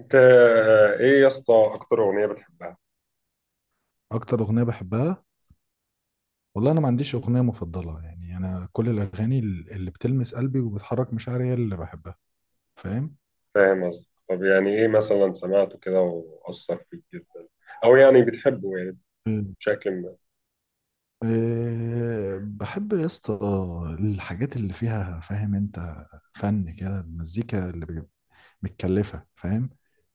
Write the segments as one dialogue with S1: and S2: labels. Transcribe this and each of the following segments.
S1: انت ايه يا اسطى، اكتر اغنيه بتحبها؟
S2: اكتر اغنيه بحبها. والله انا ما عنديش اغنيه مفضله، يعني انا كل الاغاني اللي بتلمس قلبي وبتحرك مشاعري هي اللي بحبها. فاهم؟
S1: فاهم قصدي؟ طب يعني ايه مثلا سمعته كده واثر فيك جدا، او يعني بتحبه يعني
S2: أمم.
S1: بشكل ما.
S2: أه بحب يا اسطى، الحاجات اللي فيها، فاهم انت، فن كده، المزيكا اللي متكلفه، فاهم.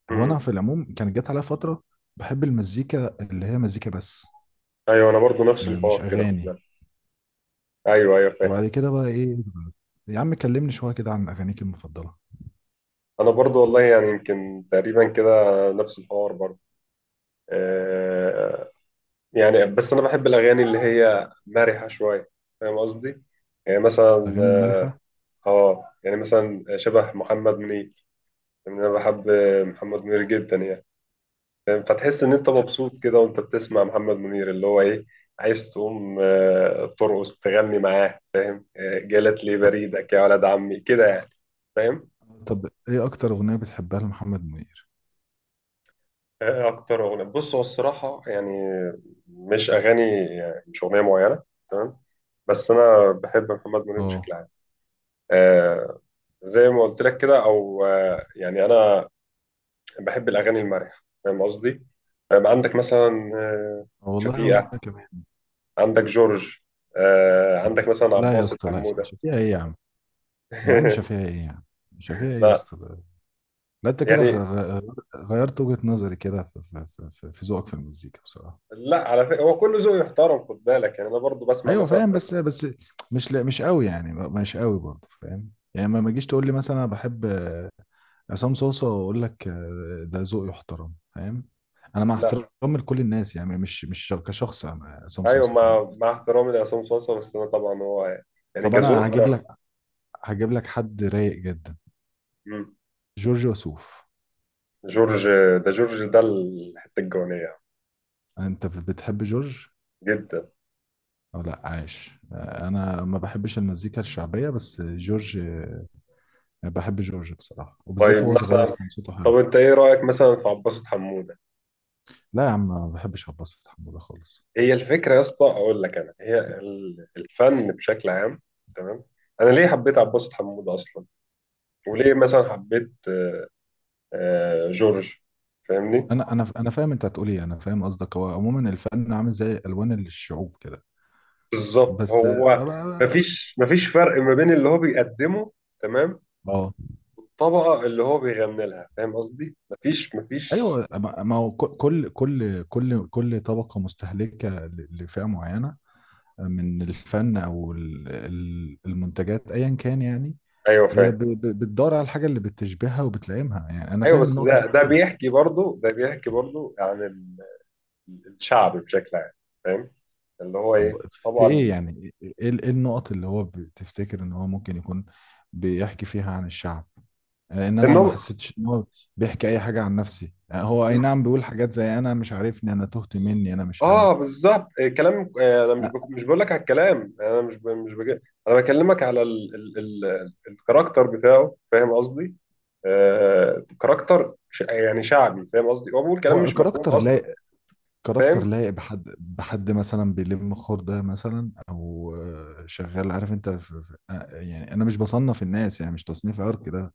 S2: هو انا
S1: امم
S2: في العموم كانت جت عليا فتره بحب المزيكا اللي هي مزيكا بس،
S1: ايوه، انا برضو نفس
S2: ما مش
S1: الحوار كده، خد
S2: اغاني.
S1: بالك. ايوه ايوه فاهم.
S2: وبعد كده بقى ايه، يا عم كلمني شويه كده عن اغانيك المفضله.
S1: انا برضو والله يعني يمكن تقريبا كده نفس الحوار برضو. آه يعني بس انا بحب الاغاني اللي هي مرحه شويه، فاهم قصدي؟ يعني مثلا،
S2: الاغاني المرحه.
S1: اه يعني مثلا شبه محمد منير. يعني انا بحب محمد منير جدا يعني. فاهم؟ فتحس ان انت مبسوط كده وانت بتسمع محمد منير، اللي هو ايه، عايز تقوم ترقص تغني معاه، فاهم؟ جالت لي بريدك يا ولد عمي كده يعني. فاهم؟
S2: طب ايه اكتر اغنيه بتحبها لمحمد منير؟
S1: اكتر اغنيه بص هو الصراحه يعني، مش اغاني، يعني مش اغنيه معينه. تمام. بس انا بحب محمد منير بشكل
S2: اه.
S1: عام. آه، زي ما قلت لك كده، او يعني انا بحب الاغاني المرحه، فاهم قصدي؟ عندك مثلا
S2: آه والله وانا
S1: شفيقه،
S2: كمان.
S1: عندك جورج، عندك
S2: بتح...
S1: مثلا
S2: لا يا
S1: عباس
S2: اسطى لا،
S1: الحمودة.
S2: شفيع ايه يا عم؟ يا عم شفيع ايه يا عم؟ شفيع ايه يا
S1: لا،
S2: اسطى ده؟ لا انت كده
S1: يعني
S2: غيرت وجهه نظري كده في ذوقك في المزيكا بصراحه.
S1: لا، على فكرة هو كل ذوق يحترم، خد بالك، يعني انا برضو بسمع
S2: ايوه
S1: مثلا
S2: فاهم.
S1: في.
S2: بس مش، لا مش قوي يعني، مش قوي برضه، فاهم يعني. ما تجيش تقول لي مثلا انا بحب عصام صوصه واقول لك ده ذوقي يحترم، فاهم. انا مع احترامي
S1: لا،
S2: لكل الناس يعني، مش كشخص أنا عصام
S1: ايوه،
S2: صوصه، فاهم.
S1: مع احترامي لعصام صاصا، بس انا طبعا هو يعني
S2: طب
S1: كذوق
S2: انا
S1: انا.
S2: هجيب لك حد رايق جدا.
S1: مم.
S2: جورج وسوف.
S1: جورج. ده جورج ده الحتة الجوانية.
S2: انت بتحب جورج
S1: جدا.
S2: او لا؟ عاش. انا ما بحبش المزيكا الشعبيه بس جورج، بحب جورج بصراحه،
S1: طيب
S2: وبالذات وهو صغير
S1: مثلا،
S2: كان صوته
S1: طب
S2: حلو.
S1: انت ايه رأيك مثلا في عباس حمودة؟
S2: لا يا عم، ما بحبش عباس حموده خالص.
S1: هي الفكرة يا اسطى، اقول لك، انا هي الفن بشكل عام، تمام؟ انا ليه حبيت عباس حمودة اصلا؟ وليه مثلا حبيت آه جورج؟ فاهمني؟
S2: انا فاهم انت هتقول ايه، انا فاهم قصدك، هو عموما الفن عامل زي الوان الشعوب كده،
S1: بالظبط
S2: بس
S1: هو.
S2: اه.
S1: مفيش فرق ما بين اللي هو بيقدمه، تمام؟
S2: آه.
S1: الطبقة اللي هو بيغني لها، فاهم قصدي؟ مفيش مفيش.
S2: ايوه، ما هو كل، كل طبقه مستهلكه لفئه معينه من الفن او المنتجات ايا كان، يعني
S1: ايوه
S2: هي
S1: فاهم.
S2: بتدور على الحاجه اللي بتشبهها وبتلائمها، يعني انا
S1: ايوه
S2: فاهم
S1: بس
S2: النقطه دي
S1: ده
S2: كويس.
S1: بيحكي برضه، ده بيحكي برضه عن الشعب بشكل عام، فاهم؟ اللي هو
S2: طب
S1: ايه
S2: في ايه
S1: طبعا.
S2: يعني، إيه النقط اللي هو بتفتكر ان هو ممكن يكون بيحكي فيها عن الشعب؟ ان انا ما
S1: النوبل.
S2: حسيتش ان هو بيحكي اي حاجه عن نفسي. هو اي نعم بيقول حاجات زي انا مش عارفني، انا تهت مني، انا مش انا.
S1: اه بالظبط. كلام، انا مش بك... مش بقول لك على الكلام، انا مش ب... مش بك... انا بكلمك على الكاركتر بتاعه، فاهم قصدي؟ كاركتر يعني شعبي، فاهم قصدي؟ هو بيقول كلام
S2: هو
S1: مش مفهوم
S2: كاركتر،
S1: اصلا.
S2: لا، كاركتر
S1: فاهم؟
S2: لايق بحد، بحد مثلا بيلم خردة مثلا، او شغال، عارف انت، في يعني انا مش بصنف الناس، يعني مش تصنيف عرق ده.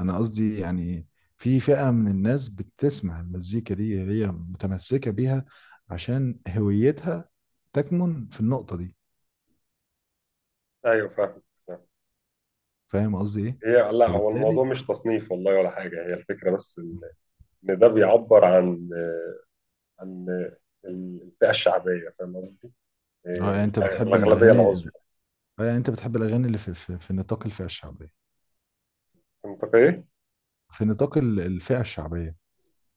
S2: انا قصدي يعني في فئة من الناس بتسمع المزيكا دي هي متمسكة بيها، عشان هويتها تكمن في النقطة دي.
S1: ايوه فاهم. فاهم.
S2: فاهم قصدي ايه؟
S1: هي لا، هو الموضوع
S2: فبالتالي.
S1: مش تصنيف والله ولا حاجه، هي الفكره بس ان ده بيعبر عن عن الفئه الشعبيه، فاهم قصدي؟
S2: اه يعني
S1: آه،
S2: انت بتحب
S1: الاغلبيه
S2: الاغاني
S1: العظمى.
S2: اه يعني انت بتحب الاغاني اللي في في نطاق الفئة الشعبية.
S1: منطقيه.
S2: في نطاق الفئة الشعبية.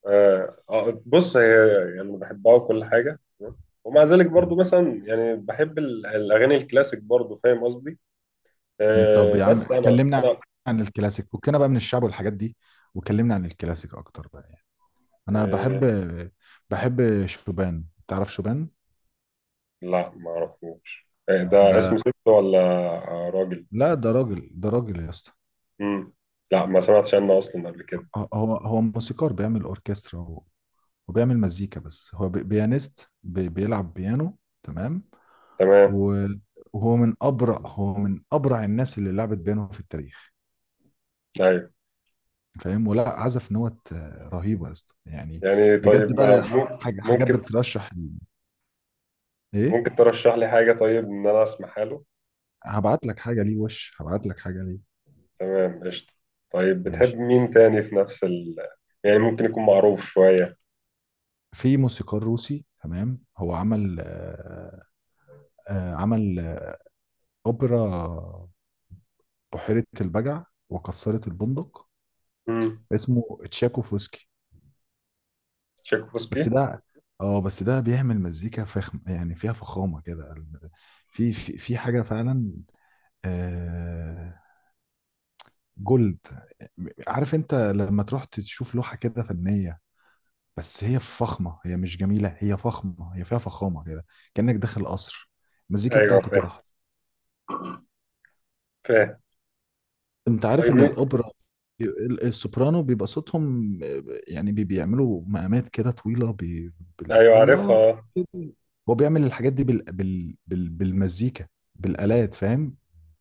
S1: آه بص هي يعني بحبها وكل حاجة تمام، ومع ذلك برضو مثلا يعني بحب الأغاني الكلاسيك برضو، فاهم قصدي؟
S2: طب
S1: آه
S2: يا عم،
S1: بس أنا
S2: كلمنا
S1: أنا
S2: عن الكلاسيك، فكنا بقى من الشعب والحاجات دي، وكلمنا عن الكلاسيك اكتر بقى يعني. انا
S1: آه.
S2: بحب شوبان. تعرف شوبان؟
S1: لا ما أعرفوش. آه ده
S2: ده.
S1: اسم ست ولا راجل؟
S2: لا ده راجل، ده راجل يا اسطى.
S1: مم. لا ما سمعتش عنه أصلا قبل كده.
S2: هو موسيقار، بيعمل اوركسترا وبيعمل مزيكا، بس هو بيانست، بيلعب بيانو، تمام.
S1: تمام.
S2: و- وهو من ابرع هو من ابرع الناس اللي لعبت بيانو في التاريخ.
S1: أيوه.
S2: فاهم؟ ولا عزف نوت رهيبه يا اسطى يعني.
S1: يعني طيب
S2: بجد
S1: ما
S2: بقى،
S1: مم-
S2: حاجات
S1: ممكن،
S2: بترشح ايه.
S1: ممكن ترشح لي حاجة طيب إن أنا أسمعها له؟
S2: هبعت لك حاجه ليه.
S1: تمام قشطة. طيب بتحب
S2: ماشي.
S1: مين تاني في نفس ال، يعني ممكن يكون معروف شوية؟
S2: في موسيقار روسي، تمام، هو عمل عمل اوبرا، بحيره البجع وكسرت البندق.
S1: مم.
S2: اسمه تشاكوفسكي. بس
S1: تشيكوفسكي.
S2: ده اه بس ده بيعمل مزيكا فخم، يعني فيها فخامه كده. في حاجه فعلا آه جولد. عارف انت لما تروح تشوف لوحه كده فنيه، بس هي فخمة، هي مش جميلة، هي فخمة، هي فيها فخامة كده، كأنك داخل قصر. المزيكا
S1: ايوه
S2: بتاعته كده،
S1: فاهم.
S2: حط.
S1: فاهم.
S2: انت عارف
S1: طيب
S2: ان
S1: مين؟
S2: الاوبرا السوبرانو بيبقى صوتهم، يعني بيعملوا مقامات كده طويلة،
S1: ايوه
S2: الله
S1: عارفها.
S2: كده. هو بيعمل الحاجات دي بالمزيكا، بالآلات، فاهم.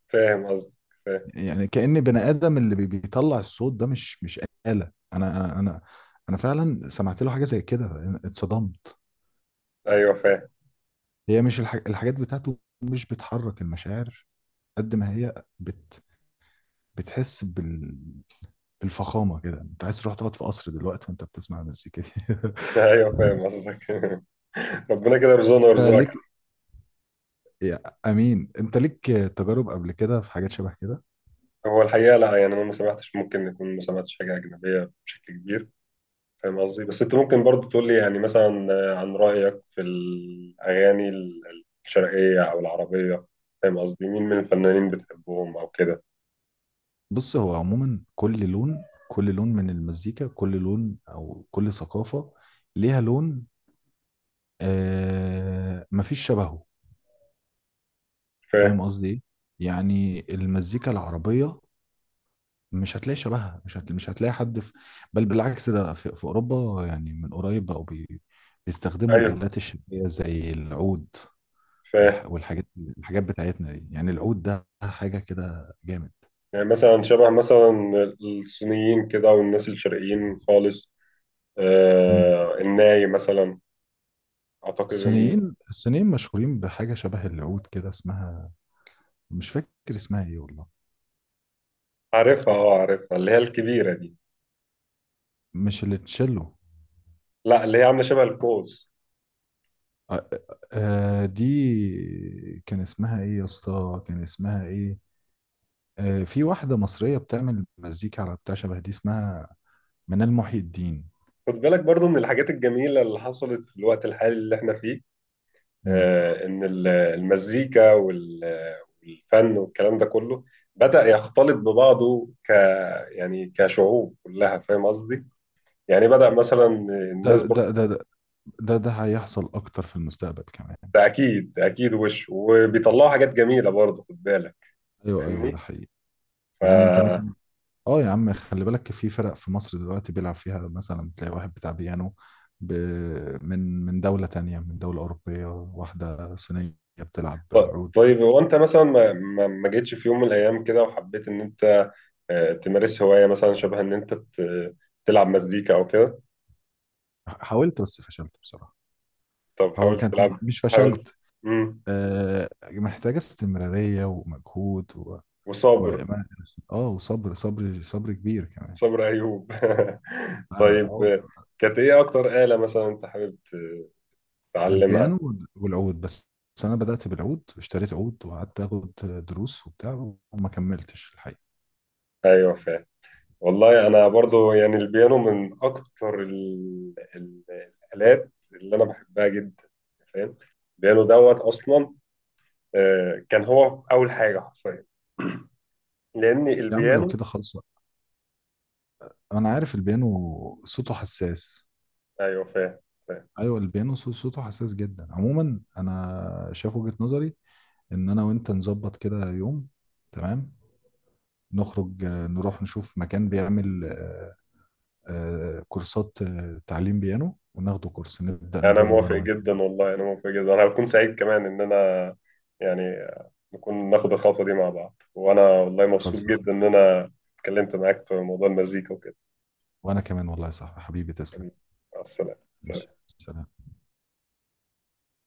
S1: فاهم قصدك. فاهم.
S2: يعني كأن بني آدم اللي بيطلع الصوت ده مش، آلة. انا انا انا أنا فعلا سمعت له حاجة زي كده، اتصدمت.
S1: ايوه فاهم.
S2: هي مش الحاجات بتاعته مش بتحرك المشاعر قد ما هي بتحس بالفخامة كده. انت عايز تروح تقعد في قصر دلوقتي وانت بتسمع المزيكا دي.
S1: ايوه فاهم قصدك. ربنا كده يرزقنا
S2: انت
S1: ويرزقك.
S2: ليك يا امين، انت ليك تجارب قبل كده في حاجات شبه كده؟
S1: هو الحقيقه لا، يعني انا ما سمعتش، ممكن يكون ما سمعتش حاجه اجنبيه بشكل كبير، فاهم قصدي؟ بس انت ممكن برضو تقول لي يعني مثلا عن رايك في الاغاني الشرقيه او العربيه، فاهم قصدي؟ مين من الفنانين بتحبهم او كده؟
S2: بص هو عموما كل لون من المزيكا، كل لون او كل ثقافة ليها لون. مفيش شبهه. فاهم
S1: فاهم؟
S2: قصدي ايه. يعني المزيكا العربية مش هتلاقي شبهها، مش هتلاقي حد في. بل بالعكس، ده في أوروبا يعني من قريب بقوا بيستخدموا
S1: ايوه
S2: الآلات الشبية زي العود.
S1: فاهم.
S2: والح... والحاجات الحاجات بتاعتنا دي، يعني العود ده حاجة كده جامد.
S1: يعني مثلا شبه مثلا الصينيين كده والناس الشرقيين خالص.
S2: مم.
S1: آه الناي مثلا، اعتقد ان،
S2: الصينيين مشهورين بحاجة شبه العود كده اسمها، مش فاكر اسمها ايه والله،
S1: عارفها اه عارفها اللي هي الكبيره دي.
S2: مش اللي تشيلو.
S1: لا اللي هي عامله شبه القوس.
S2: آه دي كان اسمها ايه يا اسطى؟ كان اسمها ايه؟ في واحدة مصرية بتعمل مزيكا على بتاع شبه دي اسمها منال محي الدين.
S1: خد بالك برضو من الحاجات الجميله اللي حصلت في الوقت الحالي اللي احنا فيه،
S2: مم.
S1: ان المزيكا والفن والكلام ده كله بدأ يختلط ببعضه ك، يعني كشعوب كلها، فاهم قصدي؟ يعني بدأ مثلا
S2: ده
S1: الناس
S2: ده ده ده ده هيحصل اكتر في المستقبل كمان.
S1: ده اكيد اكيد وش، وبيطلعوا حاجات جميله برضو، خد بالك.
S2: ايوه، ايوه، ده
S1: فاهمني؟
S2: حقيقي.
S1: ف،
S2: يعني انت مثلا، اه يا عم خلي بالك، في فرق في مصر دلوقتي بيلعب فيها، مثلا تلاقي واحد بتاع بيانو ب... من، من دولة تانية، من دولة أوروبية، واحدة صينية بتلعب عود.
S1: طيب هو انت مثلا ما جيتش في يوم من الايام كده وحبيت ان انت تمارس هوايه مثلا شبه ان انت تلعب مزيكا او كده؟
S2: حاولت بس فشلت بصراحة.
S1: طب
S2: هو
S1: حاول
S2: كان
S1: تلعب،
S2: مش
S1: حاول.
S2: فشلت،
S1: امم
S2: محتاجة استمرارية ومجهود و... و...
S1: وصابر.
S2: اه وصبر، صبر صبر كبير كمان.
S1: صابر ايوب.
S2: فعلا
S1: طيب
S2: اه.
S1: كانت ايه اكتر آلة مثلا انت حابب تتعلمها؟
S2: البيانو والعود بس. بس انا بدأت بالعود، اشتريت عود وقعدت اخد دروس وبتاع، وما كملتش الحقيقة.
S1: ايوه فاهم. والله انا برضو يعني البيانو من اكتر الالات اللي انا بحبها جدا، فاهم؟ البيانو دوت اصلا، كان هو اول حاجه حرفيا، لأن
S2: يا عم لو
S1: البيانو.
S2: كده خلصة. انا عارف البيانو صوته حساس.
S1: أيوه فاهم. فاهم.
S2: ايوه البيانو صوته حساس جدا. عموما انا شايف وجهة نظري ان انا وانت نظبط كده يوم، تمام، نخرج، نروح نشوف مكان بيعمل كورسات تعليم بيانو، وناخده كورس، نبدأ
S1: يعني أنا
S2: نجرب
S1: موافق
S2: انا وانت.
S1: جدا، والله أنا موافق جدا، أنا هكون سعيد كمان إن أنا يعني نكون ناخد الخطوة دي مع بعض، وأنا والله مبسوط
S2: خلص.
S1: جدا إن أنا اتكلمت معاك في موضوع المزيكا وكده.
S2: وانا كمان والله يا صاحبي حبيبي، تسلم.
S1: حبيبي، مع
S2: ماشي،
S1: السلامة.
S2: سلام.